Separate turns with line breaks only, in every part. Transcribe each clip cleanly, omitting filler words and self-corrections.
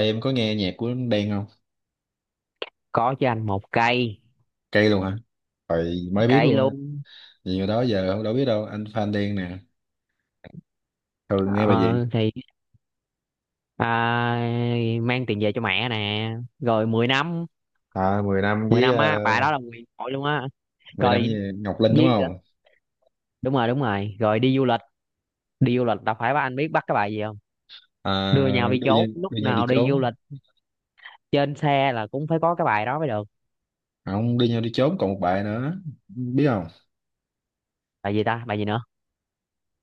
Ê, em có nghe nhạc của Đen không?
Có cho anh một cây,
Cây luôn hả? Vậy mới biết
cây
luôn á.
luôn.
Nhiều đó giờ không đâu biết đâu. Anh fan Đen nè. Thường nghe bài
Ờ,
gì?
thì à, mang tiền về cho mẹ nè, rồi 10 năm.
À, 10 năm
Mười
với
năm á, bà đó là quyền hội luôn á.
10 năm với
Rồi
Ngọc Linh đúng
với,
không?
đúng rồi đúng rồi, rồi đi du lịch. Đi du lịch, đâu phải bà anh biết bắt cái bài gì không? Đưa nhau
À,
đi
đưa
chốn
nhau,
lúc
đưa nhau đi
nào đi du
trốn.
lịch, trên xe là cũng phải có cái bài đó mới được.
À, không đưa nhau đi trốn còn một bài nữa. Biết không?
Bài gì ta, bài gì nữa?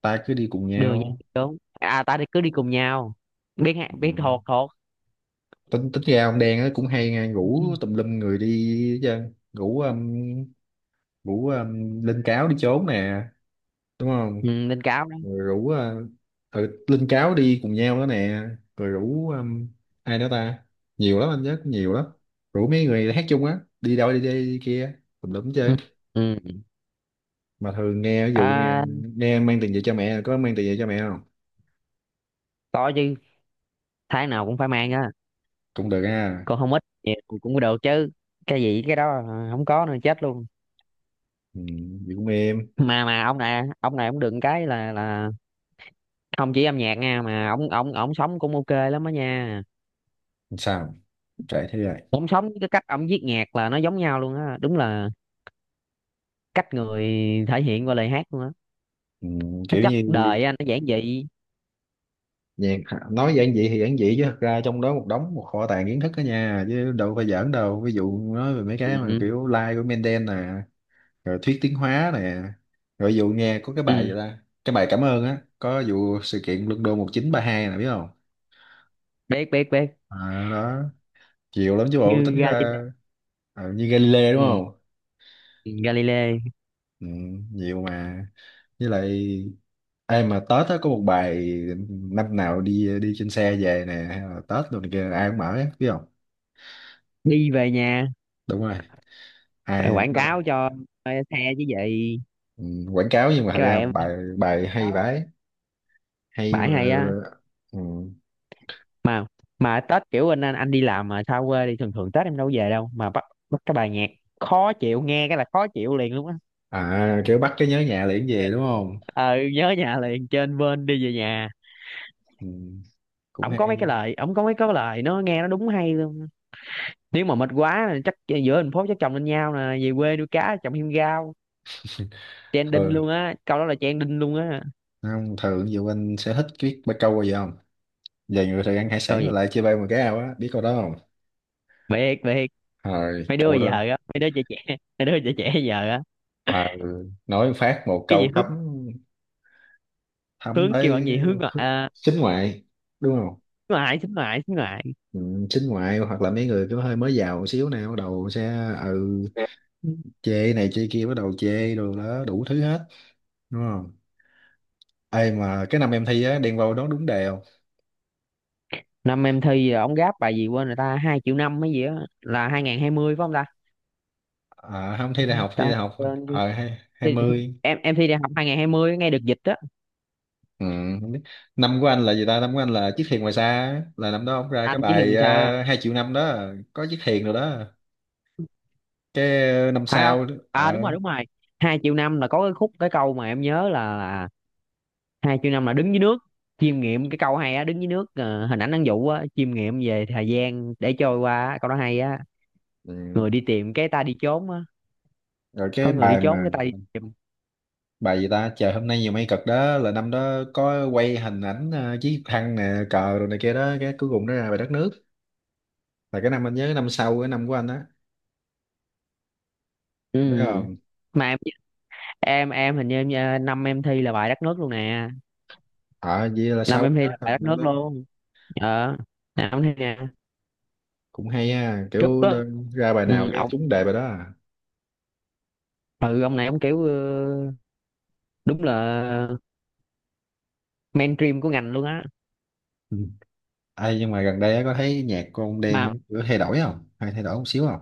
Ta cứ đi cùng
Đưa nhau đi
nhau.
chốn, à ta đi cứ đi cùng nhau.
Ừ.
Biết thuộc, thuộc.
Tính tính ra ông Đen á cũng hay nghe rủ tùm lum người đi chứ. Rủ rủ Linh Cáo đi trốn nè. Đúng không?
Ừ, Linh Cáo đó.
Rồi rủ Linh Cáo đi cùng nhau đó nè. Rồi rủ ai nữa ta? Nhiều lắm anh nhớ cũng nhiều lắm, rủ mấy người hát chung á đi đâu đi đây đi kia tùm lum
Ừ.
chơi.
Ừ.
Mà thường nghe ví dụ nghe,
À.
nghe mang tiền về cho mẹ, có mang tiền về cho mẹ không?
Có chứ, tháng nào cũng phải mang á.
Cũng được ha.
Còn không ít nhiều cũng được chứ, cái gì cái đó là không có nữa chết luôn.
Ừ, vậy cũng êm.
Mà ông này, ông này, ông đừng cái là không chỉ âm nhạc nha, mà ông ông sống cũng ok lắm đó nha.
Làm sao trễ thế rồi.
Ông sống với cái cách ông viết nhạc là nó giống nhau luôn á, đúng là cách người thể hiện qua lời hát luôn á.
Ừ,
Nó
kiểu
chất
như
đời á, nó giản dị.
Nhàn, nói giản dị thì giản dị chứ thật ra trong đó một đống, một kho tàng kiến thức đó nha, chứ đâu phải giỡn đâu, ví dụ nói về mấy cái mà
Ừ.
kiểu like của Mendel nè, rồi thuyết tiến hóa nè, rồi ví dụ nghe có cái bài gì
Ừ.
ta, cái bài cảm ơn á có vụ sự kiện London 1932 nè, biết không?
Biết, biết, biết,
À, đó. Nhiều lắm chứ bộ,
như
tính ra.
Galileo.
Như Galileo đúng
Ừ.
không?
Galileo.
Ừ, nhiều mà. Với lại ai mà Tết á có một bài, năm nào đi đi trên xe về nè, hay là Tết rồi này kia ai cũng mở á, biết không?
Đi về nhà.
Đúng rồi.
Bài
Ai?
quảng cáo cho xe chứ gì.
Ừ, quảng cáo nhưng mà thật
Cái bài
ra
em
bài bài hay
đó,
vãi. Hay
bãi
mà.
hay á.
Ừ.
Mà mà Tết kiểu anh đi làm mà xa quê đi, thường thường Tết em đâu có về đâu mà bắt, bắt cái bài nhạc khó chịu, nghe cái là khó chịu liền luôn á.
À kiểu bắt cái nhớ nhà liền về đúng không?
Ờ, nhớ nhà liền, trên bên đi về nhà.
Ừ. Cũng
Ổng có mấy
hay.
cái lời, ổng có mấy cái lời nó nghe nó đúng hay luôn. Nếu mà mệt quá là chắc, giữa thành phố chắc chồng lên nhau nè, về quê nuôi cá trồng thêm rau, trending
Ừ.
luôn á, câu đó là trending luôn á.
Không, thường ví dụ anh sẽ thích biết bắt câu bao giờ không, về người thường ăn hải sản
Coi
rồi lại
vậy,
chia bay một cái ao á, biết câu đó không?
biệt biệt.
Rồi
Mấy đứa
câu
giờ
đó.
á, mấy đứa trẻ trẻ, mấy đứa trẻ trẻ giờ á,
À, ừ. Nói phát một
cái gì
câu thấm,
hướng,
thấm
hướng kêu bạn
tới.
gì, hướng ngoại
Chính ngoại đúng không?
hướng ngoại, xính ngoại, xính ngoại.
Ừ, chính ngoại hoặc là mấy người cứ hơi mới giàu một xíu nè bắt đầu sẽ ừ, chê này chê kia, bắt đầu chê đồ đó đủ thứ hết. Đúng không? Ai mà cái năm em thi á, đen vâu đó đúng đề không?
Năm em thi ông gáp bài gì quên rồi ta, hai triệu năm mấy gì á, là 2020 phải không ta?
À, không, thi đại học, thi
Ta
đại học.
quên chứ.
Hai hai
Thi, thi-
mươi.
Em thi đại học 2020 ngay được dịch á.
Ừ, không biết. Năm của anh là gì ta, năm của anh là chiếc thuyền ngoài xa á. Là năm đó ông ra cái
Anh chỉ hiền
bài
xa
hai triệu năm đó. Có chiếc thuyền rồi đó. Cái năm
phải không?
sau đó,
À đúng rồi, đúng rồi. Hai triệu năm là có cái khúc cái câu mà em nhớ là hai triệu năm là đứng dưới nước chiêm nghiệm, cái câu hay á, đứng dưới nước, hình ảnh ăn dụ á, chiêm nghiệm về thời gian để trôi qua á, câu đó hay á.
ừ.
Người đi tìm cái ta đi trốn á,
Rồi
có
cái
người đi
bài
trốn
mà,
cái ta đi tìm.
bài gì ta, trời hôm nay nhiều mây cực đó là năm đó có quay hình ảnh chiếc thăng nè cờ rồi này kia đó, cái cuối cùng nó ra bài đất nước, là cái năm anh nhớ, cái năm sau cái năm của anh đó.
Ừ.
Đúng không?
Mà em hình như năm em thi là bài đất nước luôn nè,
Ờ, vậy là
năm
sau
em
đó,
thi là bài đất nước
năm đó
luôn. Ờ, năm em thi nè.
cũng hay ha,
Trúc
kiểu
đó.
đơn, ra bài nào
Ừ,
cái
ông.
trúng đề bài đó à.
Ừ, ông này ông kiểu, đúng là mainstream của ngành luôn á.
Ừ. Ê, nhưng mà gần đây á, có thấy nhạc của ông Đen
mà
á, kiểu thay đổi không? Hay thay đổi một xíu không?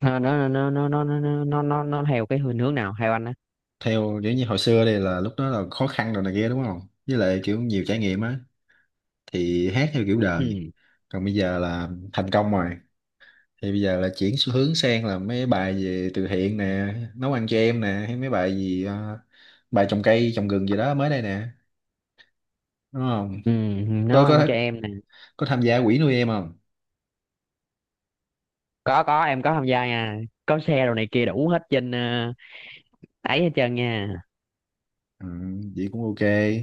ờ, nó nó nó nó nó nó theo cái hướng, hướng nào theo anh á?
Theo kiểu như hồi xưa đây, là lúc đó là khó khăn rồi này kia đúng không? Với lại kiểu nhiều trải nghiệm á, thì hát theo kiểu đời.
Ừ.
Còn bây giờ là thành công rồi. Thì bây giờ là chuyển xu hướng sang là mấy bài về từ thiện nè, nấu ăn cho em nè, hay mấy bài gì, bài trồng cây, trồng rừng gì đó mới đây nè, đúng không?
Ừ.
Có
Nấu ăn
có.
cho em nè.
Có tham gia quỹ nuôi em không?
Có, em có tham gia nha, có xe đồ này kia đủ hết trên, ấy hết trơn nha.
Ừ, vậy cũng ok.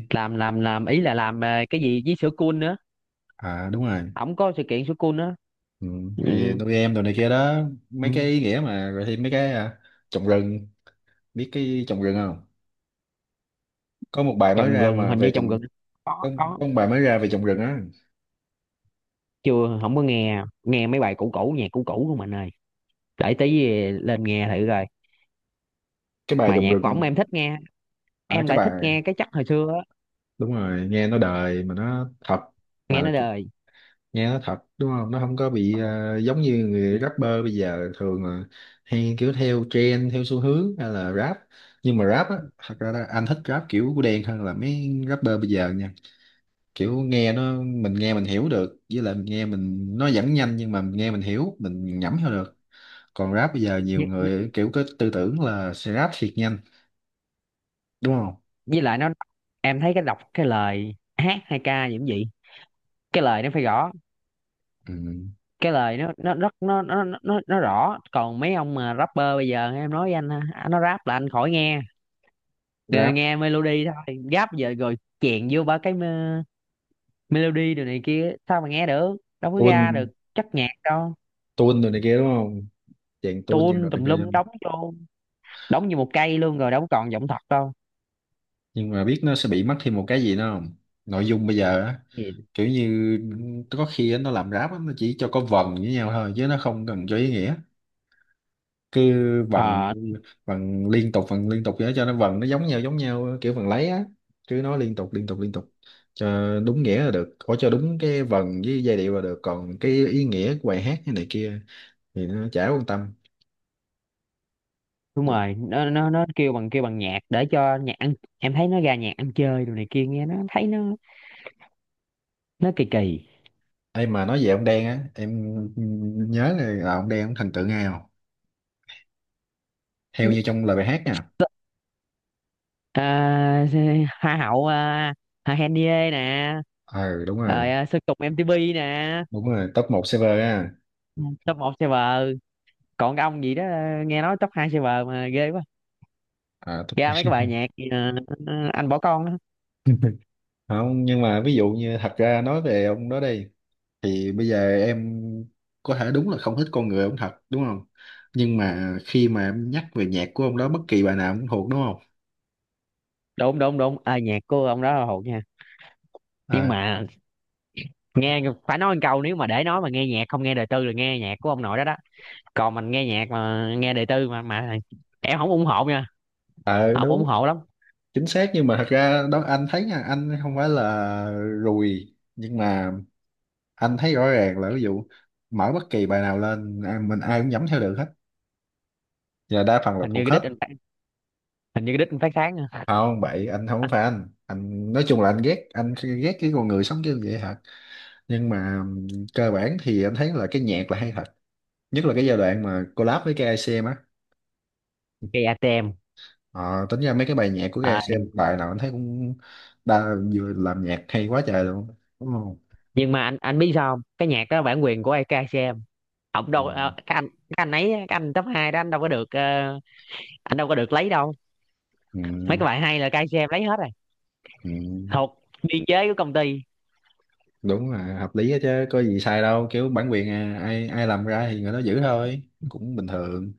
Làm ý là làm cái gì với sữa cool nữa.
À đúng rồi.
Ổng có sự kiện sữa cool nữa.
Ừ, thì
Ừ.
nuôi em đồ này kia đó, mấy
Ừ.
cái ý nghĩa mà rồi thêm mấy cái à, trồng rừng. Biết cái trồng rừng không? Có một bài mới
Trồng
ra
gừng,
mà
hình
về
như trồng
trồng.
gừng. Có,
có,
có.
có một bài mới ra về trồng rừng á.
Chưa, không có nghe, nghe mấy bài cũ cũ, nhạc cũ cũ của mình ơi, để tí về lên nghe thử coi.
Cái bài
Mà
trồng
nhạc
rừng.
võng em thích nghe,
À
em
cái
lại thích
bài,
nghe cái chất hồi xưa á,
đúng rồi, nghe nó đời mà nó thật.
nghe
Mà
nó đời.
nghe nó thật đúng không, nó không có bị giống như
Ừ.
người rapper bây giờ thường là hay kiểu theo trend theo xu hướng hay là rap. Nhưng mà rap á thật ra là anh thích rap kiểu của đen hơn là mấy rapper bây giờ nha, kiểu nghe nó mình nghe mình hiểu được, với lại mình nghe mình nó vẫn nhanh nhưng mà mình nghe mình hiểu mình nhẩm theo được. Còn rap bây giờ nhiều
với,
người kiểu cái tư tưởng là sẽ rap thiệt nhanh, đúng không?
với lại nó, em thấy cái đọc cái lời hát hay ca gì cũng vậy, cái lời nó phải rõ.
Ừ.
Cái lời nó rất nó rõ. Còn mấy ông mà rapper bây giờ em nói với anh ha, à, nó rap là anh khỏi nghe. Nghe,
Rap
nghe melody thôi, rap giờ rồi chèn vô ba melody đồ này kia, sao mà nghe được, đâu có
tuôn,
ra được chất nhạc đâu.
tuôn rồi này kia đúng không, chàng tuôn chàng
Tuôn
rồi này
tùm
kia.
lum đóng vô, đóng như một cây luôn rồi, đâu còn giọng thật đâu.
Nhưng mà biết nó sẽ bị mất thêm một cái gì nữa không? Nội dung bây giờ á,
Thì,
kiểu như có khi á, nó làm ráp á, nó chỉ cho có vần với nhau thôi chứ nó không cần cho ý nghĩa. Cứ vần,
ờ
vần liên tục vậy đó, cho nó vần nó giống nhau kiểu vần lấy á, cứ nói liên tục liên tục liên tục cho đúng nghĩa là được, có cho đúng cái vần với giai điệu là được, còn cái ý nghĩa của bài hát cái này kia thì nó chả quan tâm.
đúng rồi, nó kêu bằng, kêu bằng nhạc để cho nhạc ăn, em thấy nó ra nhạc ăn chơi đồ này kia, nghe nó thấy nó kỳ kỳ.
Em mà nói về ông Đen á, em nhớ là ông Đen ông thần tượng ai không, theo như trong lời bài hát nha.
à, Hoa hậu, Hà Henie nè,
Ừ đúng
rồi
rồi,
Sơn Tùng MTP nè.
đúng rồi, top một server á.
Top một server. Còn cái ông gì đó, nghe nói top hai server mà ghê quá.
À, top
Ra
2.
mấy cái bài nhạc gì, anh bỏ con đó.
Không, nhưng mà ví dụ như thật ra nói về ông đó đi, thì bây giờ em có thể đúng là không thích con người ông thật, đúng không, nhưng mà khi mà em nhắc về nhạc của ông đó bất kỳ bài nào cũng thuộc đúng không?
Đụng đụng đụng nhạc của ông đó là hột nha. Nhưng
À.
mà nghe, phải nói một câu, nếu mà để nói mà nghe nhạc không nghe đời tư là nghe nhạc của ông nội đó đó. Còn mình nghe nhạc mà nghe đời tư mà em không ủng hộ nha,
Ờ
không ủng
đúng.
hộ lắm.
Chính xác, nhưng mà thật ra đó anh thấy nha, anh không phải là rùi, nhưng mà anh thấy rõ ràng là ví dụ mở bất kỳ bài nào lên à, mình ai cũng nhắm theo được hết và đa phần là
hình như
thuộc
cái
hết.
đít anh phát- Hình như cái đít anh phát sáng nha.
Không bậy, anh không phải anh nói chung là anh ghét, anh ghét cái con người sống như vậy thật, nhưng mà cơ bản thì anh thấy là cái nhạc là hay thật, nhất là cái giai đoạn mà collab với KICM á.
Cây ATM.
Ờ, tính ra mấy cái bài nhạc của
à,
KICM bài nào anh thấy cũng đa vừa làm nhạc hay quá trời luôn, đúng không?
nhưng mà anh biết sao không, cái nhạc đó bản quyền của cây ATM. Ông
Ừ,
đâu, cái anh, cái anh ấy, cái anh top 2 đó anh đâu có được, anh đâu có được lấy đâu.
ừ,
Mấy cái bài hay là cây ATM lấy hết rồi,
ừ.
thuộc biên chế của công ty.
Đúng là hợp lý á chứ có gì sai đâu, kiểu bản quyền à, ai ai làm ra thì người đó giữ thôi. Cũng bình thường.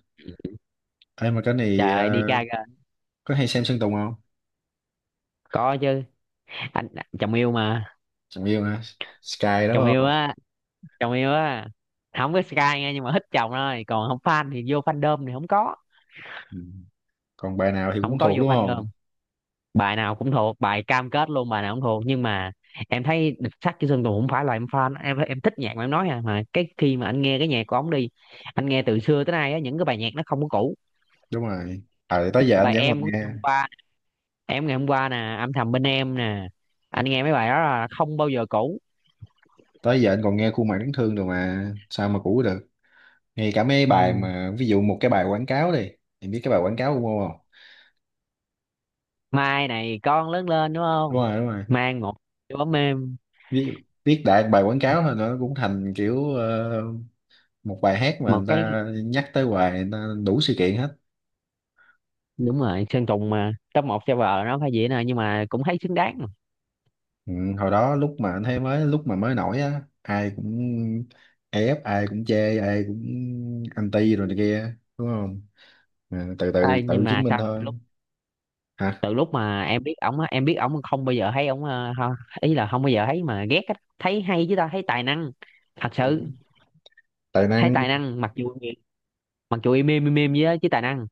Em mà cái này
Trời đi ca kìa.
có hay xem Sơn Tùng không?
Có chứ, anh chồng yêu mà.
Chẳng yêu hả? Sky đó
Chồng
phải
yêu
không?
á, chồng yêu á. Không có Sky nghe, nhưng mà thích chồng thôi, còn không fan thì vô fandom thì không có,
Ừ. Còn bài nào thì
không
cũng
có
thuộc
vô
đúng không?
fandom. Bài nào cũng thuộc, bài cam kết luôn, bài nào cũng thuộc, nhưng mà em thấy Địch Sắt Chữ Sơn Tùng không phải là em fan, em thích nhạc mà em nói, à, mà cái khi mà anh nghe cái nhạc của ổng đi, anh nghe từ xưa tới nay á, những cái bài nhạc nó không có cũ.
Đúng rồi, à, tới giờ anh
Bài
vẫn còn
em của
nghe.
ngày hôm qua, em ngày hôm qua nè, âm thầm bên em nè, anh nghe mấy bài đó là không bao giờ cũ.
Tới giờ anh còn nghe khuôn mặt đáng thương rồi mà sao mà cũ được. Ngay cả mấy bài
Ừ.
mà ví dụ một cái bài quảng cáo đi, em biết cái bài quảng cáo của Ngô không?
Mai này con lớn lên đúng
Đúng
không?
rồi, đúng rồi.
Mang một chú ấm êm.
Viết Viết đại bài quảng cáo thôi nó cũng thành kiểu một bài hát mà
Một
người
cái
ta nhắc tới hoài, người ta đủ sự kiện hết.
đúng rồi, Sơn Tùng mà top một server nó phải vậy nè, nhưng mà cũng thấy xứng đáng mà.
Ừ, hồi đó lúc mà anh thấy mới, lúc mà mới nổi á ai cũng ép, ai cũng chê, ai cũng anti rồi này kia đúng không? À, từ từ
Nhưng
tự
mà
chứng minh
sao từ
thôi.
lúc,
Hả?
từ lúc mà em biết ổng á, em biết ổng không bao giờ thấy ổng, ý là không bao giờ thấy mà ghét á, thấy hay chứ ta, thấy tài năng thật sự.
Đúng. Tài
Thấy
năng.
tài năng mặc dù, mặc dù im im im im với á, chứ tài năng.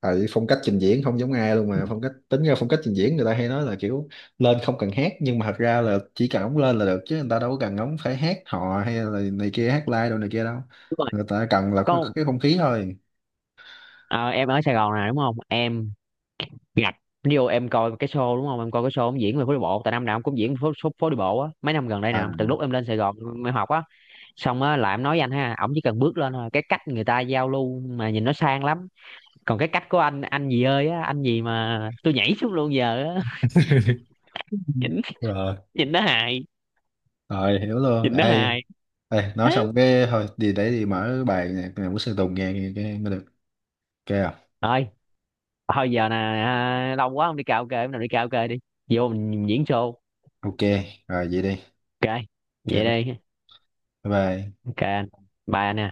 Tại phong cách trình diễn không giống ai luôn mà, phong cách, tính ra phong cách trình diễn người ta hay nói là kiểu lên không cần hát nhưng mà thật ra là chỉ cần ống lên là được chứ người ta đâu có cần ống phải hát hò hay là này kia hát live đâu, này kia đâu.
Đúng rồi.
Người ta cần là
Có,
cái không khí thôi.
ờ, em ở Sài Gòn nè đúng không em, Ngặt ví em coi cái show đúng không, em coi cái show ông diễn về phố đi bộ, tại năm nào ông cũng diễn phố, phố, phố đi bộ á, mấy năm gần đây nè,
À
từ lúc em lên Sài Gòn em học á xong á, là em nói với anh ha, ổng chỉ cần bước lên thôi, cái cách người ta giao lưu mà nhìn nó sang lắm. Còn cái cách của anh gì ơi á, anh gì mà tôi nhảy xuống luôn giờ á. Nhìn,
rồi,
nhìn nó hài,
rồi hiểu luôn.
nhìn nó
Ê,
hài.
ê nói xong cái thôi đi để đi mở bài nhạc này của Sơn Tùng nghe, nghe cái mới được. Ok không?
Thôi, thôi giờ nè, à, lâu quá không đi karaoke, bữa nào đi karaoke đi, vô mình diễn show.
Ok. Rồi vậy đi.
Ok vậy
Ok.
đây.
Bye bye.
Ok anh, bye anh ha.